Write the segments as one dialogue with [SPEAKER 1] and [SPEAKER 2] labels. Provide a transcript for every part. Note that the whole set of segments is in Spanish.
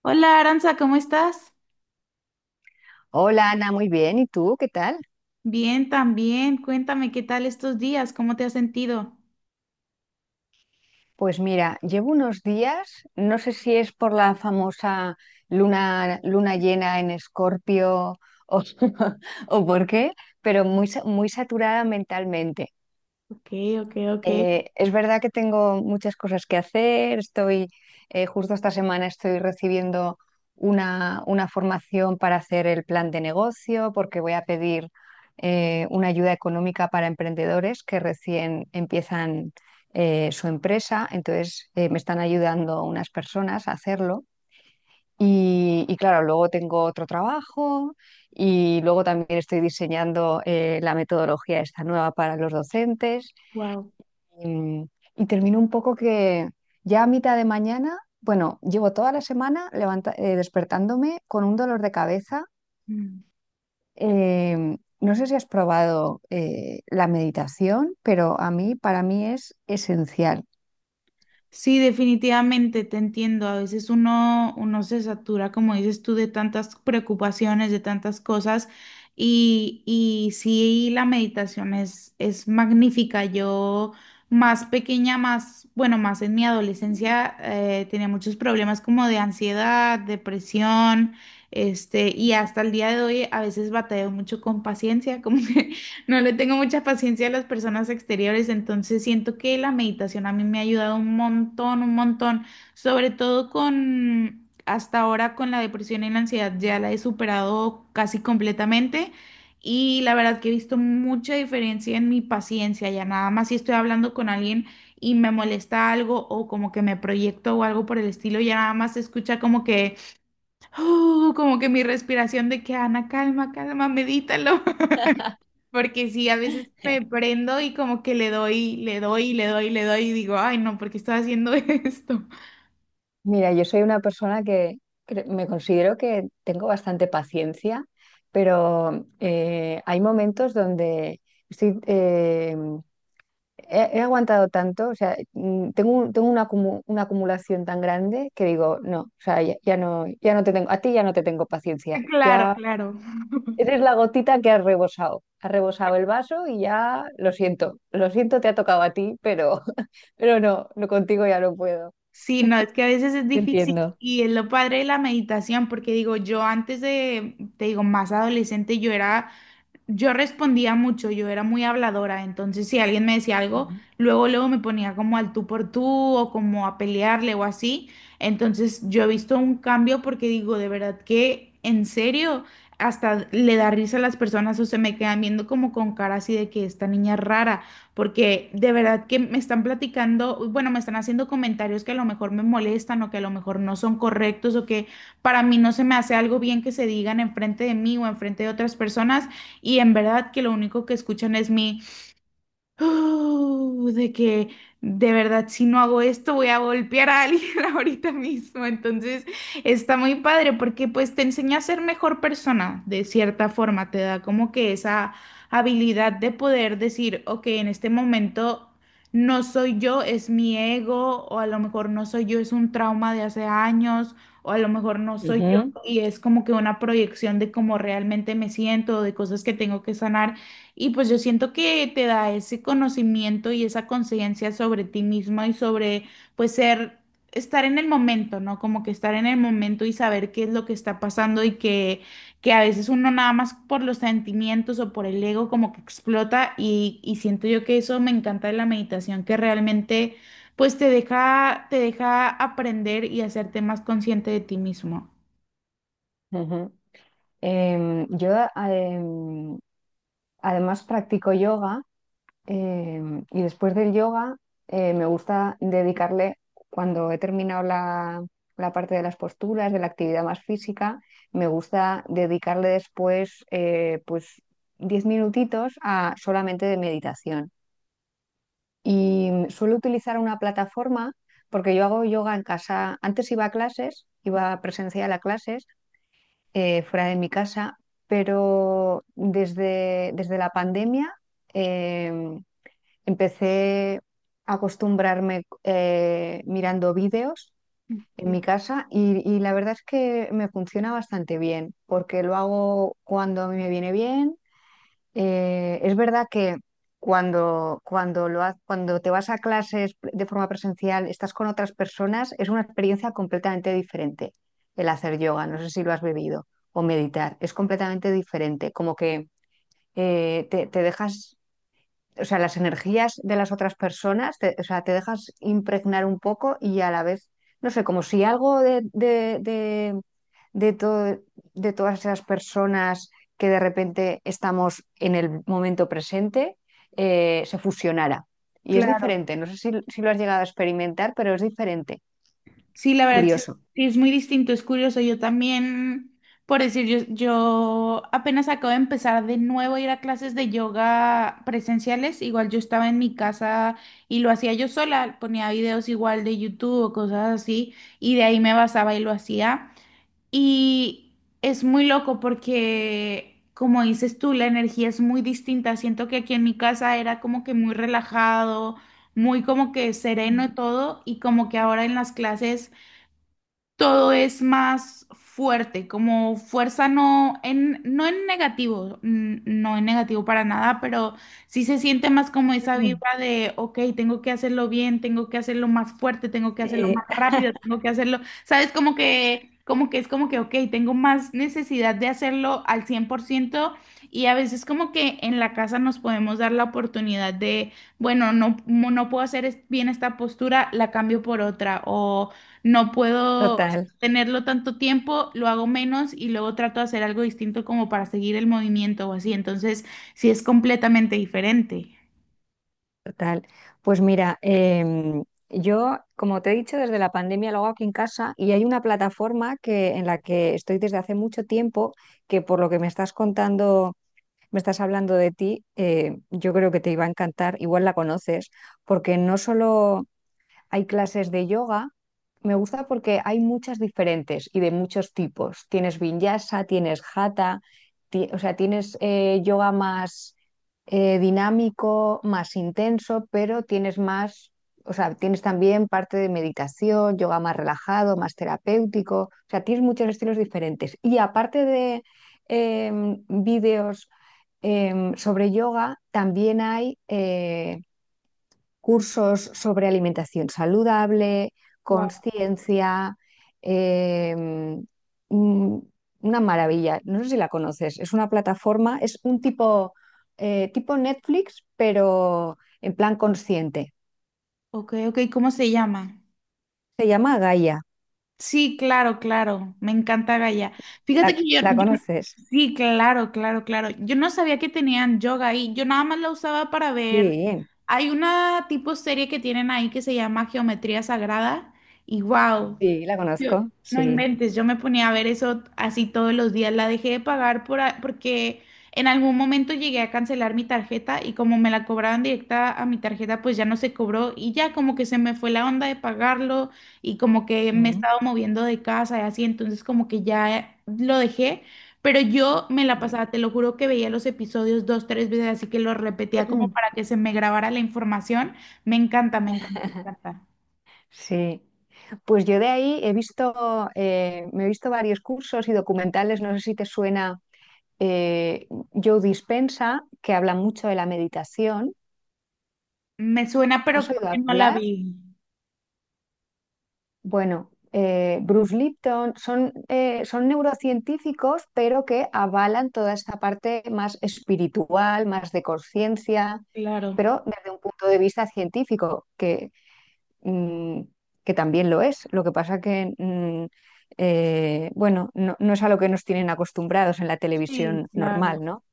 [SPEAKER 1] Hola Aranza, ¿cómo estás?
[SPEAKER 2] Hola Ana, muy bien. ¿Y tú qué tal?
[SPEAKER 1] Bien, también. Cuéntame qué tal estos días, cómo te has sentido.
[SPEAKER 2] Pues mira, llevo unos días, no sé si es por la famosa luna llena en Escorpio o, o por qué, pero muy saturada mentalmente.
[SPEAKER 1] Ok, ok, ok.
[SPEAKER 2] Es verdad que tengo muchas cosas que hacer. Justo esta semana estoy recibiendo una formación para hacer el plan de negocio, porque voy a pedir una ayuda económica para emprendedores que recién empiezan su empresa. Entonces, me están ayudando unas personas a hacerlo. Y claro, luego tengo otro trabajo y luego también estoy diseñando la metodología esta nueva para los docentes.
[SPEAKER 1] Wow.
[SPEAKER 2] Y, y termino un poco que ya a mitad de mañana, bueno, llevo toda la semana despertándome con un dolor de cabeza. No sé si has probado la meditación, pero a mí, para mí es esencial.
[SPEAKER 1] Sí, definitivamente te entiendo. A veces uno se satura, como dices tú, de tantas preocupaciones, de tantas cosas. Y sí, la meditación es magnífica. Yo más pequeña, más, bueno, más en mi adolescencia, tenía muchos problemas como de ansiedad, depresión, este, y hasta el día de hoy a veces batallo mucho con paciencia, como que no le tengo mucha paciencia a las personas exteriores. Entonces siento que la meditación a mí me ha ayudado un montón, sobre todo con, hasta ahora, con la depresión y la ansiedad. Ya la he superado casi completamente y la verdad que he visto mucha diferencia en mi paciencia. Ya nada más, si estoy hablando con alguien y me molesta algo, o como que me proyecto o algo por el estilo, ya nada más se escucha como que "uh", como que mi respiración de que Ana, calma, calma, medítalo. Porque sí, a veces me prendo y como que le doy, le doy, le doy, le doy y digo, ay, no, ¿por qué estoy haciendo esto?
[SPEAKER 2] Mira, yo soy una persona que me considero que tengo bastante paciencia, pero hay momentos donde estoy, eh, he aguantado tanto, o sea, tengo una acumulación tan grande que digo, no, o sea, ya, ya no, ya no te tengo, a ti ya no te tengo paciencia,
[SPEAKER 1] Claro,
[SPEAKER 2] ya
[SPEAKER 1] claro.
[SPEAKER 2] eres la gotita que has rebosado el vaso y ya lo siento, te ha tocado a ti, pero, pero no, no contigo ya no puedo.
[SPEAKER 1] Sí, no, es que a veces es
[SPEAKER 2] Te
[SPEAKER 1] difícil
[SPEAKER 2] entiendo.
[SPEAKER 1] y es lo padre de la meditación. Porque digo, yo antes de, te digo, más adolescente, yo era... Yo respondía mucho, yo era muy habladora, entonces si alguien me decía algo,
[SPEAKER 2] Ujú.
[SPEAKER 1] luego luego me ponía como al tú por tú o como a pelearle o así. Entonces yo he visto un cambio porque digo, de verdad que en serio, hasta le da risa a las personas, o se me quedan viendo como con cara así de que esta niña es rara, porque de verdad que me están platicando, bueno, me están haciendo comentarios que a lo mejor me molestan, o que a lo mejor no son correctos, o que para mí no se me hace algo bien que se digan enfrente de mí o enfrente de otras personas. Y en verdad que lo único que escuchan es mi "uh", de que de verdad, si no hago esto voy a golpear a alguien ahorita mismo. Entonces está muy padre porque pues te enseña a ser mejor persona de cierta forma. Te da como que esa habilidad de poder decir, ok, en este momento no soy yo, es mi ego. O a lo mejor no soy yo, es un trauma de hace años. O a lo mejor no soy yo
[SPEAKER 2] Ujú.
[SPEAKER 1] y es como que una proyección de cómo realmente me siento, de cosas que tengo que sanar. Y pues yo siento que te da ese conocimiento y esa conciencia sobre ti mismo, y sobre pues ser, estar en el momento, ¿no? Como que estar en el momento y saber qué es lo que está pasando. Y que a veces uno nada más por los sentimientos o por el ego como que explota, y siento yo que eso me encanta de la meditación, que realmente pues te deja aprender y hacerte más consciente de ti mismo.
[SPEAKER 2] Ujú. Em, yo em, Además practico yoga y después del yoga me gusta dedicarle, cuando he terminado la parte de las posturas, de la actividad más física, me gusta dedicarle después pues 10 minutitos a solamente de meditación. Y suelo utilizar una plataforma porque yo hago yoga en casa. Antes iba a clases, iba presencial a clases fuera de mi casa, pero desde la pandemia em, empecé a acostumbrarme mirando vídeos en
[SPEAKER 1] Sí.
[SPEAKER 2] mi casa y la verdad es que me funciona bastante bien, porque lo hago cuando a mí me viene bien. Es verdad que cuando te vas a clases de forma presencial, estás con otras personas, es una experiencia completamente diferente el hacer yoga, no sé si lo has vivido, o meditar, es completamente diferente, como que te dejas, o sea, las energías de las otras personas, o sea, te dejas impregnar un poco y a la vez, no sé, como si algo de, to- de todas esas personas que de repente estamos en el momento presente se fusionara. Y es
[SPEAKER 1] Claro.
[SPEAKER 2] diferente, no sé si, si lo has llegado a experimentar, pero es diferente,
[SPEAKER 1] Sí, la verdad sí es...
[SPEAKER 2] curioso.
[SPEAKER 1] Sí es muy distinto, es curioso. Yo también, por decir, yo apenas acabo de empezar de nuevo a ir a clases de yoga presenciales. Igual yo estaba en mi casa y lo hacía yo sola, ponía videos igual de YouTube o cosas así, y de ahí me basaba y lo hacía. Y es muy loco porque, como dices tú, la energía es muy distinta. Siento que aquí en mi casa era como que muy relajado, muy como que sereno todo, y como que ahora en las clases todo es más fuerte, como fuerza no en, no en negativo, no en negativo para nada, pero sí se siente más como esa vibra de, ok, tengo que hacerlo bien, tengo que hacerlo más fuerte, tengo que hacerlo más
[SPEAKER 2] Sí,
[SPEAKER 1] rápido, tengo que hacerlo, ¿sabes? Como que es como que, ok, tengo más necesidad de hacerlo al cien por ciento. Y a veces como que en la casa nos podemos dar la oportunidad de, bueno, no, no puedo hacer bien esta postura, la cambio por otra o... No puedo
[SPEAKER 2] total.
[SPEAKER 1] tenerlo tanto tiempo, lo hago menos y luego trato de hacer algo distinto como para seguir el movimiento o así. Entonces, sí es completamente diferente.
[SPEAKER 2] Total. Pues mira, yo, como te he dicho, desde la pandemia lo hago aquí en casa y hay una plataforma que, en la que estoy desde hace mucho tiempo, que por lo que me estás contando, me estás hablando de ti, yo creo que te iba a encantar, igual la conoces, porque no solo hay clases de yoga. Me gusta porque hay muchas diferentes y de muchos tipos. Tienes vinyasa, tienes hatha, o sea, tienes yoga más dinámico, más intenso, pero tienes más, o sea, tienes también parte de meditación, yoga más relajado, más terapéutico. O sea, tienes muchos estilos diferentes. Y aparte de vídeos sobre yoga, también hay cursos sobre alimentación saludable,
[SPEAKER 1] Wow.
[SPEAKER 2] conciencia, eh, mm, una maravilla. No sé si la conoces, es una plataforma, es un tipo, tipo Netflix, pero en plan consciente.
[SPEAKER 1] Ok, ok, ¿cómo se llama?
[SPEAKER 2] Se llama Gaia,
[SPEAKER 1] Sí, claro, claro. Me encanta Gaia. Fíjate que yo,
[SPEAKER 2] la conoces?
[SPEAKER 1] sí, claro, claro, claro. Yo no sabía que tenían yoga ahí. Yo nada más la usaba para ver.
[SPEAKER 2] Sí,
[SPEAKER 1] Hay una tipo serie que tienen ahí que se llama Geometría Sagrada y wow.
[SPEAKER 2] sí, la
[SPEAKER 1] Yo,
[SPEAKER 2] conozco,
[SPEAKER 1] no
[SPEAKER 2] sí.
[SPEAKER 1] inventes, yo me ponía a ver eso así todos los días. La dejé de pagar porque en algún momento llegué a cancelar mi tarjeta, y como me la cobraban directa a mi tarjeta, pues ya no se cobró, y ya como que se me fue la onda de pagarlo. Y como que me he
[SPEAKER 2] Mm.
[SPEAKER 1] estado moviendo de casa y así, entonces como que ya lo dejé, pero yo me la
[SPEAKER 2] Sí.
[SPEAKER 1] pasaba, te lo juro que veía los episodios dos, tres veces, así que lo repetía como para que se me grabara la información. Me encanta, me encanta, me encanta.
[SPEAKER 2] Sí, pues yo de ahí he visto, me he visto varios cursos y documentales, no sé si te suena eh, Joe Dispenza que habla mucho de la meditación.
[SPEAKER 1] Me suena, pero
[SPEAKER 2] ¿Has
[SPEAKER 1] creo
[SPEAKER 2] oído
[SPEAKER 1] que no la
[SPEAKER 2] hablar?
[SPEAKER 1] vi.
[SPEAKER 2] Bueno, Bruce Lipton, son, son neurocientíficos, pero que avalan toda esta parte más espiritual, más de conciencia,
[SPEAKER 1] Claro,
[SPEAKER 2] pero desde un punto de vista científico, que, mm, que también lo es. Lo que pasa que, bueno, no, no es a lo que nos tienen acostumbrados en la
[SPEAKER 1] sí,
[SPEAKER 2] televisión normal,
[SPEAKER 1] claro.
[SPEAKER 2] ¿no?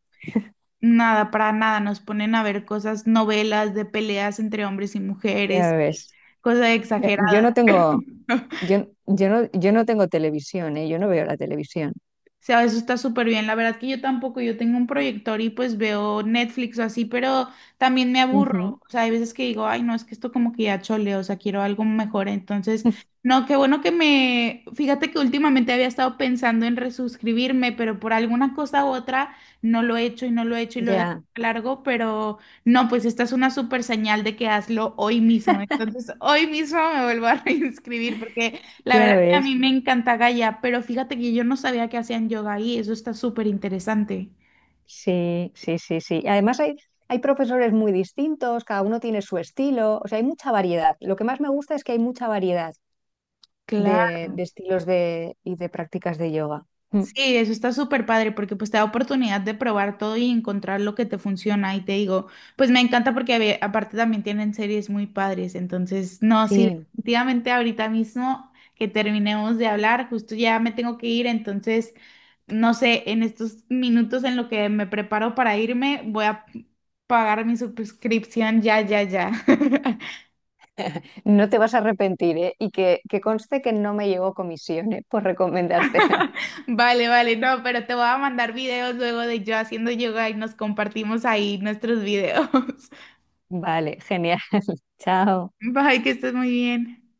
[SPEAKER 1] Nada, para nada. Nos ponen a ver cosas, novelas de peleas entre hombres y
[SPEAKER 2] Ya
[SPEAKER 1] mujeres,
[SPEAKER 2] ves.
[SPEAKER 1] cosas
[SPEAKER 2] Yo, yo no
[SPEAKER 1] exageradas.
[SPEAKER 2] tengo, Yo, yo no, yo no tengo televisión, ¿eh? Yo no veo la televisión.
[SPEAKER 1] O sea, eso está súper bien. La verdad que yo tampoco, yo tengo un proyector y pues veo Netflix o así, pero también me aburro.
[SPEAKER 2] Ujú.
[SPEAKER 1] O sea, hay veces que digo, ay, no, es que esto como que ya chole, o sea, quiero algo mejor. Entonces, no, qué bueno que me... Fíjate que últimamente había estado pensando en resuscribirme, pero por alguna cosa u otra no lo he hecho y no lo he hecho y lo he dejado
[SPEAKER 2] Ya,
[SPEAKER 1] largo, pero no, pues esta es una súper señal de que hazlo hoy mismo. Entonces, hoy mismo me vuelvo a reinscribir porque... La verdad
[SPEAKER 2] ya
[SPEAKER 1] que a
[SPEAKER 2] ves.
[SPEAKER 1] mí me encanta Gaia, pero fíjate que yo no sabía que hacían yoga ahí, eso está súper interesante.
[SPEAKER 2] Sí, sí, sí, sí. Además hay, hay profesores muy distintos, cada uno tiene su estilo, o sea, hay mucha variedad. Lo que más me gusta es que hay mucha variedad
[SPEAKER 1] Claro,
[SPEAKER 2] de estilos y de prácticas de yoga. Mm.
[SPEAKER 1] sí, eso está súper padre porque pues te da oportunidad de probar todo y encontrar lo que te funciona. Y te digo, pues me encanta porque aparte también tienen series muy padres, entonces no, sí,
[SPEAKER 2] Sí,
[SPEAKER 1] definitivamente ahorita mismo que terminemos de hablar, justo ya me tengo que ir. Entonces no sé, en estos minutos en lo que me preparo para irme, voy a pagar mi suscripción ya, ya, ya.
[SPEAKER 2] no te vas a arrepentir, ¿eh? Y que conste que no me llegó comisión, ¿eh? Por recomendártela.
[SPEAKER 1] Vale, vale, no, pero te voy a mandar videos luego de yo haciendo yoga y nos compartimos ahí nuestros videos.
[SPEAKER 2] Vale, genial. Chao.
[SPEAKER 1] Bye, que estés muy bien.